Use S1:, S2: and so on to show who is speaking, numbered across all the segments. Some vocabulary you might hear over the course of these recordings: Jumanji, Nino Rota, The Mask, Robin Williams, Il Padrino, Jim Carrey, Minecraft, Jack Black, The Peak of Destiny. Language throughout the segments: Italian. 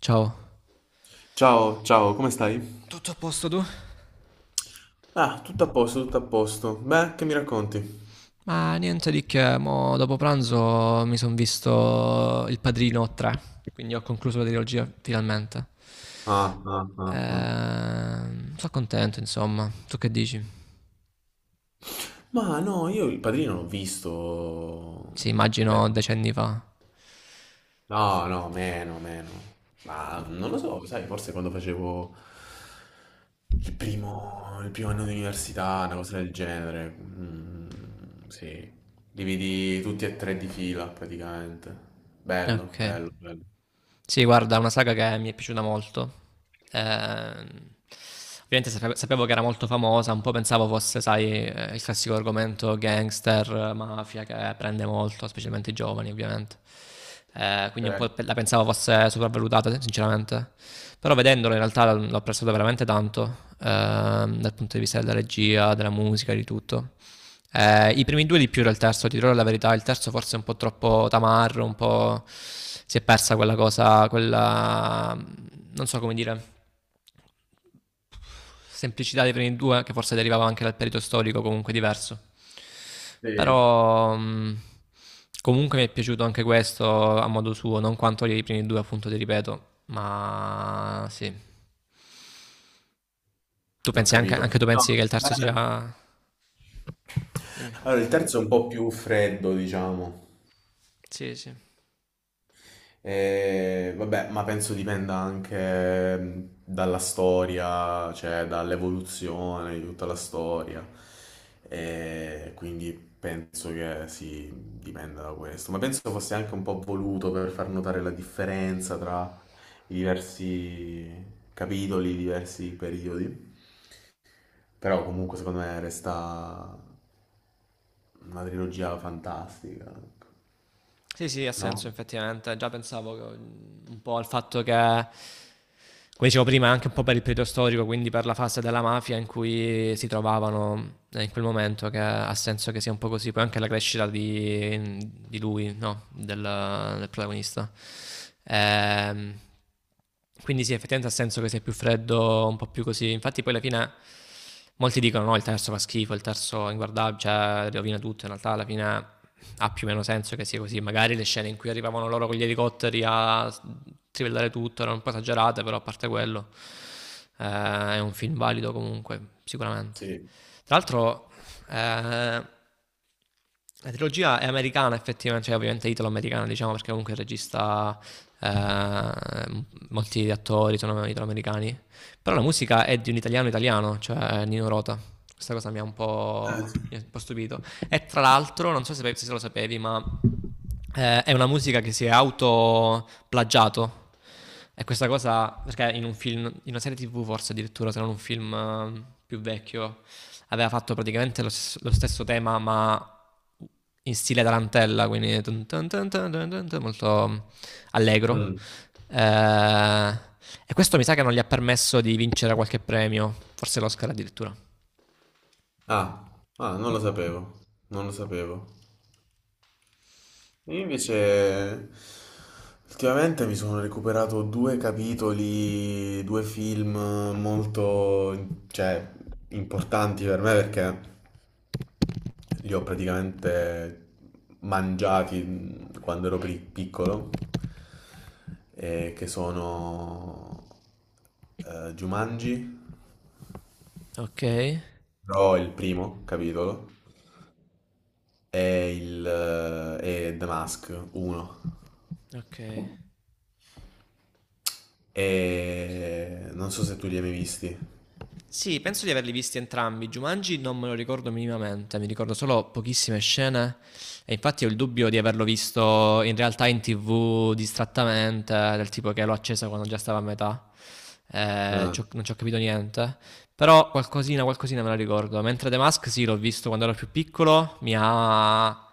S1: Ciao.
S2: Ciao, ciao, come stai?
S1: Tutto a posto tu?
S2: Ah, tutto a posto, tutto a posto. Beh, che mi racconti?
S1: Ma niente di che, mo dopo pranzo mi sono visto Il Padrino 3, quindi ho concluso la trilogia finalmente.
S2: Ah, ah, ah, ah.
S1: Sono contento, insomma. Tu che dici?
S2: Ma no, io il padrino l'ho visto
S1: Sì,
S2: un bel
S1: immagino
S2: po'.
S1: decenni fa.
S2: No, no, meno, meno. Ma non lo so, sai, forse quando facevo il primo anno di università, una cosa del genere. Mm, sì, li vidi tutti e tre di fila praticamente. Bello,
S1: Ok.
S2: bello, bello.
S1: Sì, guarda, è una saga che mi è piaciuta molto. Ehm, Ovviamente sapevo che era molto famosa, un po' pensavo fosse, sai, il classico argomento gangster, mafia, che prende molto, specialmente i giovani, ovviamente. Quindi un
S2: Eh,
S1: po' la pensavo fosse sopravvalutata, sinceramente. Però vedendola in realtà l'ho apprezzato veramente tanto, dal punto di vista della regia, della musica, di tutto. I primi due di più del terzo, ti dirò la verità, il terzo forse è un po' troppo tamarro, un po' si è persa quella cosa, quella non so come dire semplicità dei primi due, che forse derivava anche dal periodo storico comunque diverso.
S2: sì,
S1: Però comunque mi è piaciuto anche questo a modo suo, non quanto i primi due, appunto, ti ripeto, ma sì. Tu
S2: ho
S1: pensi anche,
S2: capito.
S1: anche tu pensi
S2: No,
S1: che il terzo sia... Dimmi.
S2: allora, il terzo è un po' più freddo, diciamo.
S1: Sì, sì.
S2: Vabbè, ma penso dipenda anche dalla storia, cioè dall'evoluzione di tutta la storia. Quindi penso che sì, dipenda da questo. Ma penso fosse anche un po' voluto per far notare la differenza tra i diversi capitoli, i diversi periodi. Però comunque secondo me resta una trilogia fantastica,
S1: Sì, sì, ha
S2: no?
S1: senso effettivamente. Già pensavo un po' al fatto che, come dicevo prima, anche un po' per il periodo storico, quindi per la fase della mafia in cui si trovavano in quel momento, che ha senso che sia un po' così. Poi anche la crescita di lui, no? Del protagonista. Ehm, quindi sì, effettivamente ha senso che sia più freddo, un po' più così. Infatti poi alla fine molti dicono no, il terzo fa schifo, il terzo è inguardabile, cioè rovina tutto. In realtà alla fine ha più o meno senso che sia così. Magari le scene in cui arrivavano loro con gli elicotteri a trivellare tutto erano un po' esagerate, però a parte quello è un film valido comunque, sicuramente.
S2: Sì.
S1: Tra l'altro la trilogia è americana effettivamente, cioè ovviamente italo-americana diciamo perché comunque il regista... Eh, molti attori sono italo-americani però la musica è di un italiano italiano, cioè Nino Rota. Questa cosa mi ha un
S2: Eh.
S1: po' stupito. E tra l'altro, non so se lo sapevi, ma è una musica che si è autoplagiato. E questa cosa, perché in un film, in una serie TV forse addirittura, se non un film più vecchio, aveva fatto praticamente lo stesso tema, ma in stile tarantella, quindi tun tun tun tun tun tun tun, molto allegro.
S2: Mm.
S1: Eh, e questo mi sa che non gli ha permesso di vincere qualche premio, forse l'Oscar addirittura.
S2: Ah, ah, non lo sapevo, non lo sapevo. Io invece ultimamente mi sono recuperato due capitoli, due film molto, cioè, importanti per me perché li ho praticamente mangiati quando ero piccolo, e che sono Jumanji,
S1: Ok,
S2: però il primo capitolo. è il è The Mask 1.
S1: ok.
S2: E non so se tu li hai mai visti.
S1: Sì, penso di averli visti entrambi. Jumanji non me lo ricordo minimamente, mi ricordo solo pochissime scene e infatti ho il dubbio di averlo visto in realtà in TV distrattamente, del tipo che l'ho accesa quando già stava a metà.
S2: Ah,
S1: Non ci ho capito niente, però qualcosina me la ricordo. Mentre The Mask sì, l'ho visto quando ero più piccolo, mi ha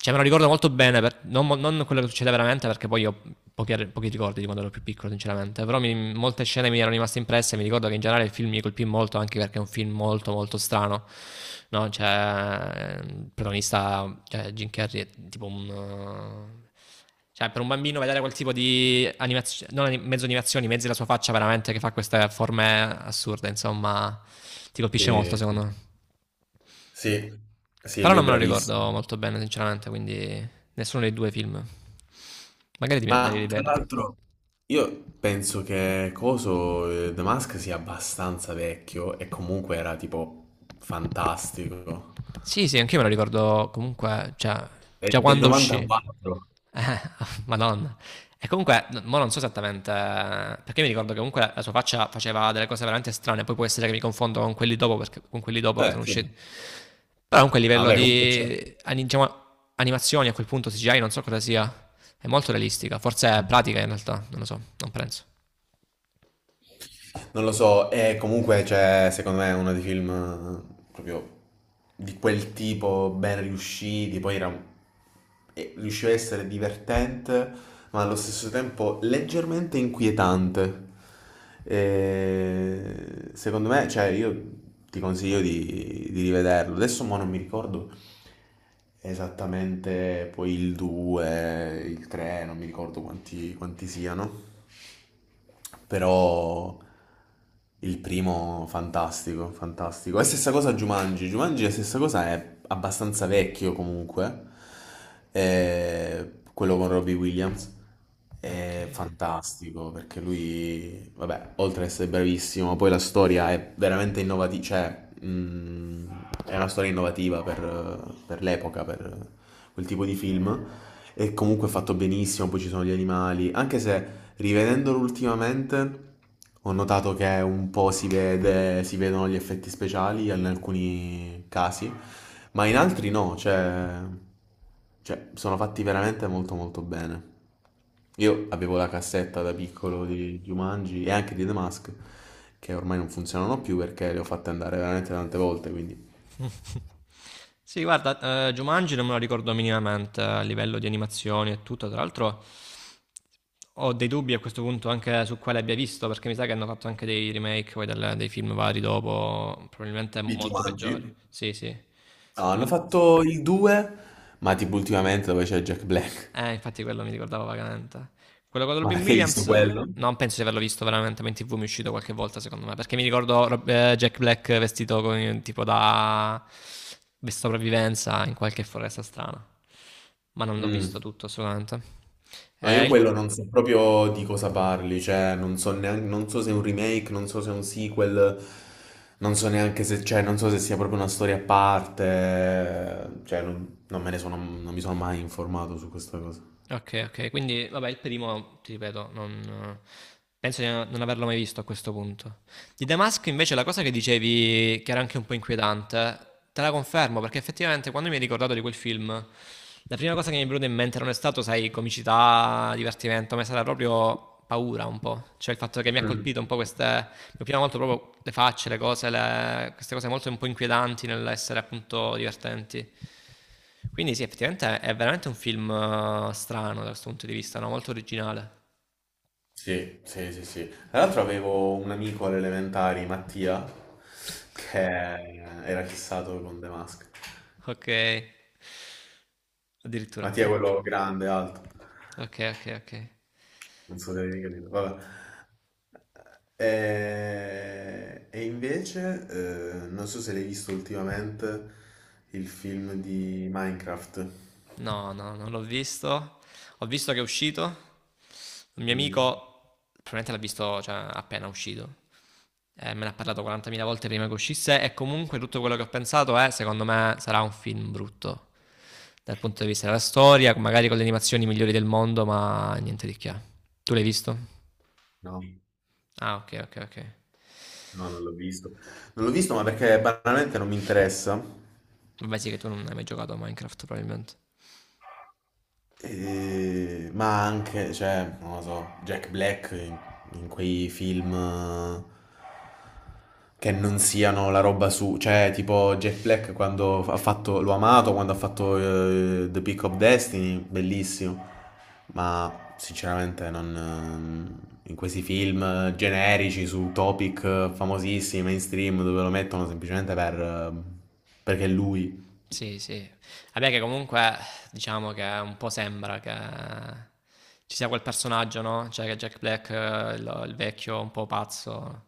S1: cioè, me lo ricordo molto bene, non quello che succede veramente, perché poi ho pochi ricordi di quando ero più piccolo, sinceramente. Però molte scene mi erano rimaste impresse. Mi ricordo che in generale il film mi colpì molto, anche perché è un film molto, molto strano. No, cioè, il protagonista, cioè, Jim Carrey è tipo un. Cioè, per un bambino vedere quel tipo di animazioni, non anim- mezzo animazioni, mezzo della sua faccia veramente che fa queste forme assurde, insomma, ti colpisce molto,
S2: sì,
S1: secondo
S2: sì.
S1: me.
S2: Sì, sì,
S1: Però
S2: lui è
S1: non me lo ricordo
S2: bravissimo.
S1: molto bene, sinceramente, quindi nessuno dei due film. Magari me li
S2: Ma tra
S1: rivedo.
S2: l'altro io penso che coso The Mask sia abbastanza vecchio e comunque era tipo fantastico.
S1: Sì, sì, anch'io me lo ricordo comunque, cioè,
S2: È
S1: già
S2: del
S1: quando uscì.
S2: 94.
S1: Eh, Madonna. E comunque, mo non so esattamente, perché mi ricordo che comunque la sua faccia faceva delle cose veramente strane, poi può essere che mi confondo con quelli con quelli dopo che
S2: Eh
S1: sono
S2: sì.
S1: usciti. Però comunque a
S2: Ah,
S1: livello
S2: vabbè, comunque c'è.
S1: di diciamo, animazioni a quel punto CGI non so cosa sia, è molto realistica, forse è
S2: Mm.
S1: pratica in realtà, non lo so, non penso.
S2: Non lo so, e comunque cioè, secondo me è uno dei film proprio di quel tipo ben riusciti, poi era e riusciva a essere divertente, ma allo stesso tempo leggermente inquietante. E secondo me, cioè, io ti consiglio di rivederlo. Adesso mo non mi ricordo esattamente poi il 2, il 3, non mi ricordo quanti siano. Però il primo fantastico, fantastico. È stessa cosa Jumanji. Jumanji è la stessa cosa, è abbastanza vecchio comunque. Quello con Robbie Williams è
S1: Okay.
S2: fantastico perché lui, vabbè, oltre ad essere bravissimo, poi la storia è veramente innovativa, cioè, è una storia innovativa per l'epoca, per quel tipo di film. E comunque è fatto benissimo, poi ci sono gli animali. Anche se rivedendolo ultimamente ho notato che un po' si vedono gli effetti speciali in alcuni casi, ma in altri no, cioè, sono fatti veramente molto molto bene. Io avevo la cassetta da piccolo di Jumanji e anche di The Mask, che ormai non funzionano più perché le ho fatte andare veramente tante volte, quindi.
S1: Sì, guarda, Jumanji non me lo ricordo minimamente a livello di animazioni e tutto. Tra l'altro ho dei dubbi a questo punto anche su quale abbia visto, perché mi sa che hanno fatto anche dei remake poi del dei film vari dopo, probabilmente
S2: Di
S1: molto
S2: Jumanji?
S1: peggiori. Sì, sì.
S2: No, hanno
S1: Tipo
S2: fatto il 2, ma tipo ultimamente dove c'è Jack Black.
S1: Eh, infatti quello mi ricordava vagamente. Quello con
S2: Ma
S1: Robin
S2: perché hai visto
S1: Williams,
S2: quello?
S1: non penso di averlo visto veramente, ma in tv mi è uscito qualche volta secondo me, perché mi ricordo Jack Black vestito con, tipo da di sopravvivenza in qualche foresta strana, ma non l'ho visto
S2: Mm.
S1: tutto assolutamente.
S2: No, io
S1: Il
S2: quello non so proprio di cosa parli, cioè non so neanche, non so se è un remake, non so se è un sequel, non so neanche se, cioè, non so se sia proprio una storia a parte, cioè non mi sono mai informato su questa cosa.
S1: Ok, ok, quindi vabbè, il primo, ti ripeto, non, penso di no, non averlo mai visto a questo punto. Di Damask invece la cosa che dicevi, che era anche un po' inquietante, te la confermo perché effettivamente quando mi hai ricordato di quel film, la prima cosa che mi è venuta in mente non è stato, sai, comicità, divertimento, ma è stata proprio paura un po', cioè il fatto che mi ha
S2: Mm.
S1: colpito un po' queste, mi prima molto proprio le facce, le queste cose molto un po' inquietanti nell'essere appunto divertenti. Quindi sì, effettivamente è veramente un film strano da questo punto di vista, no? Molto originale.
S2: Sì, sì, sì, sì. Tra l'altro avevo un amico alle elementari, Mattia, che era fissato con The Mask.
S1: Ok, addirittura.
S2: Mattia è quello grande, alto.
S1: Ok, ok, ok.
S2: Non so se avevi capito. Vabbè. E, invece, non so se l'hai visto ultimamente il film di Minecraft.
S1: No, no, no, non l'ho visto. Ho visto che è uscito. Un mio
S2: Mm.
S1: amico probabilmente l'ha visto, cioè, appena uscito. Me ne ha parlato 40.000 volte prima che uscisse e comunque tutto quello che ho pensato è, secondo me, sarà un film brutto dal punto di vista della storia, magari con le animazioni migliori del mondo, ma niente di che. Tu l'hai visto?
S2: No,
S1: Ah, ok, ok, ok.
S2: no, non l'ho visto. Non l'ho visto, ma perché banalmente non mi interessa.
S1: Vabbè, sì, che tu non hai mai giocato a Minecraft, probabilmente.
S2: Ma anche, cioè, non lo so, Jack Black in quei film che non siano la roba su, cioè, tipo Jack Black quando l'ho amato quando ha fatto The Peak of Destiny, bellissimo, ma sinceramente non, in questi film generici su topic famosissimi, mainstream, dove lo mettono semplicemente perché è lui.
S1: Sì, sì. Vabbè, che comunque diciamo che un po' sembra che ci sia quel personaggio, no? Cioè che Jack Black, il vecchio un po' pazzo,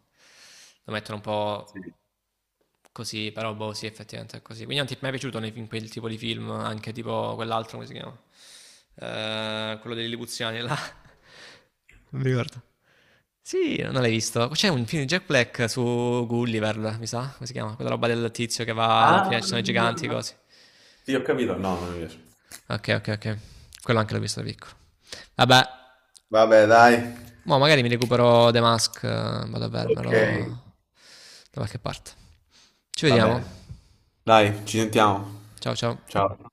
S1: lo mettono un po' così, però boh, sì, effettivamente è così. Quindi non ti è mai piaciuto nei quel tipo di film, anche tipo quell'altro, come si chiama? Quello dei Lipuziani là. Non mi ricordo. Sì, non l'hai visto. C'è un film di Jack Black su Gulliver, mi sa, come si chiama? Quella roba del tizio che va,
S2: Ah,
S1: prima ci sono i giganti, così.
S2: sì, ho capito, no, non mi piace.
S1: Ok, ok, ok. Quello anche l'ho visto da piccolo. Vabbè,
S2: Vabbè, dai.
S1: mo magari mi recupero The Mask, vado a
S2: Ok.
S1: vermelo da qualche parte. Ci
S2: Va
S1: vediamo.
S2: bene. Dai, ci sentiamo.
S1: Ciao, ciao.
S2: Ciao.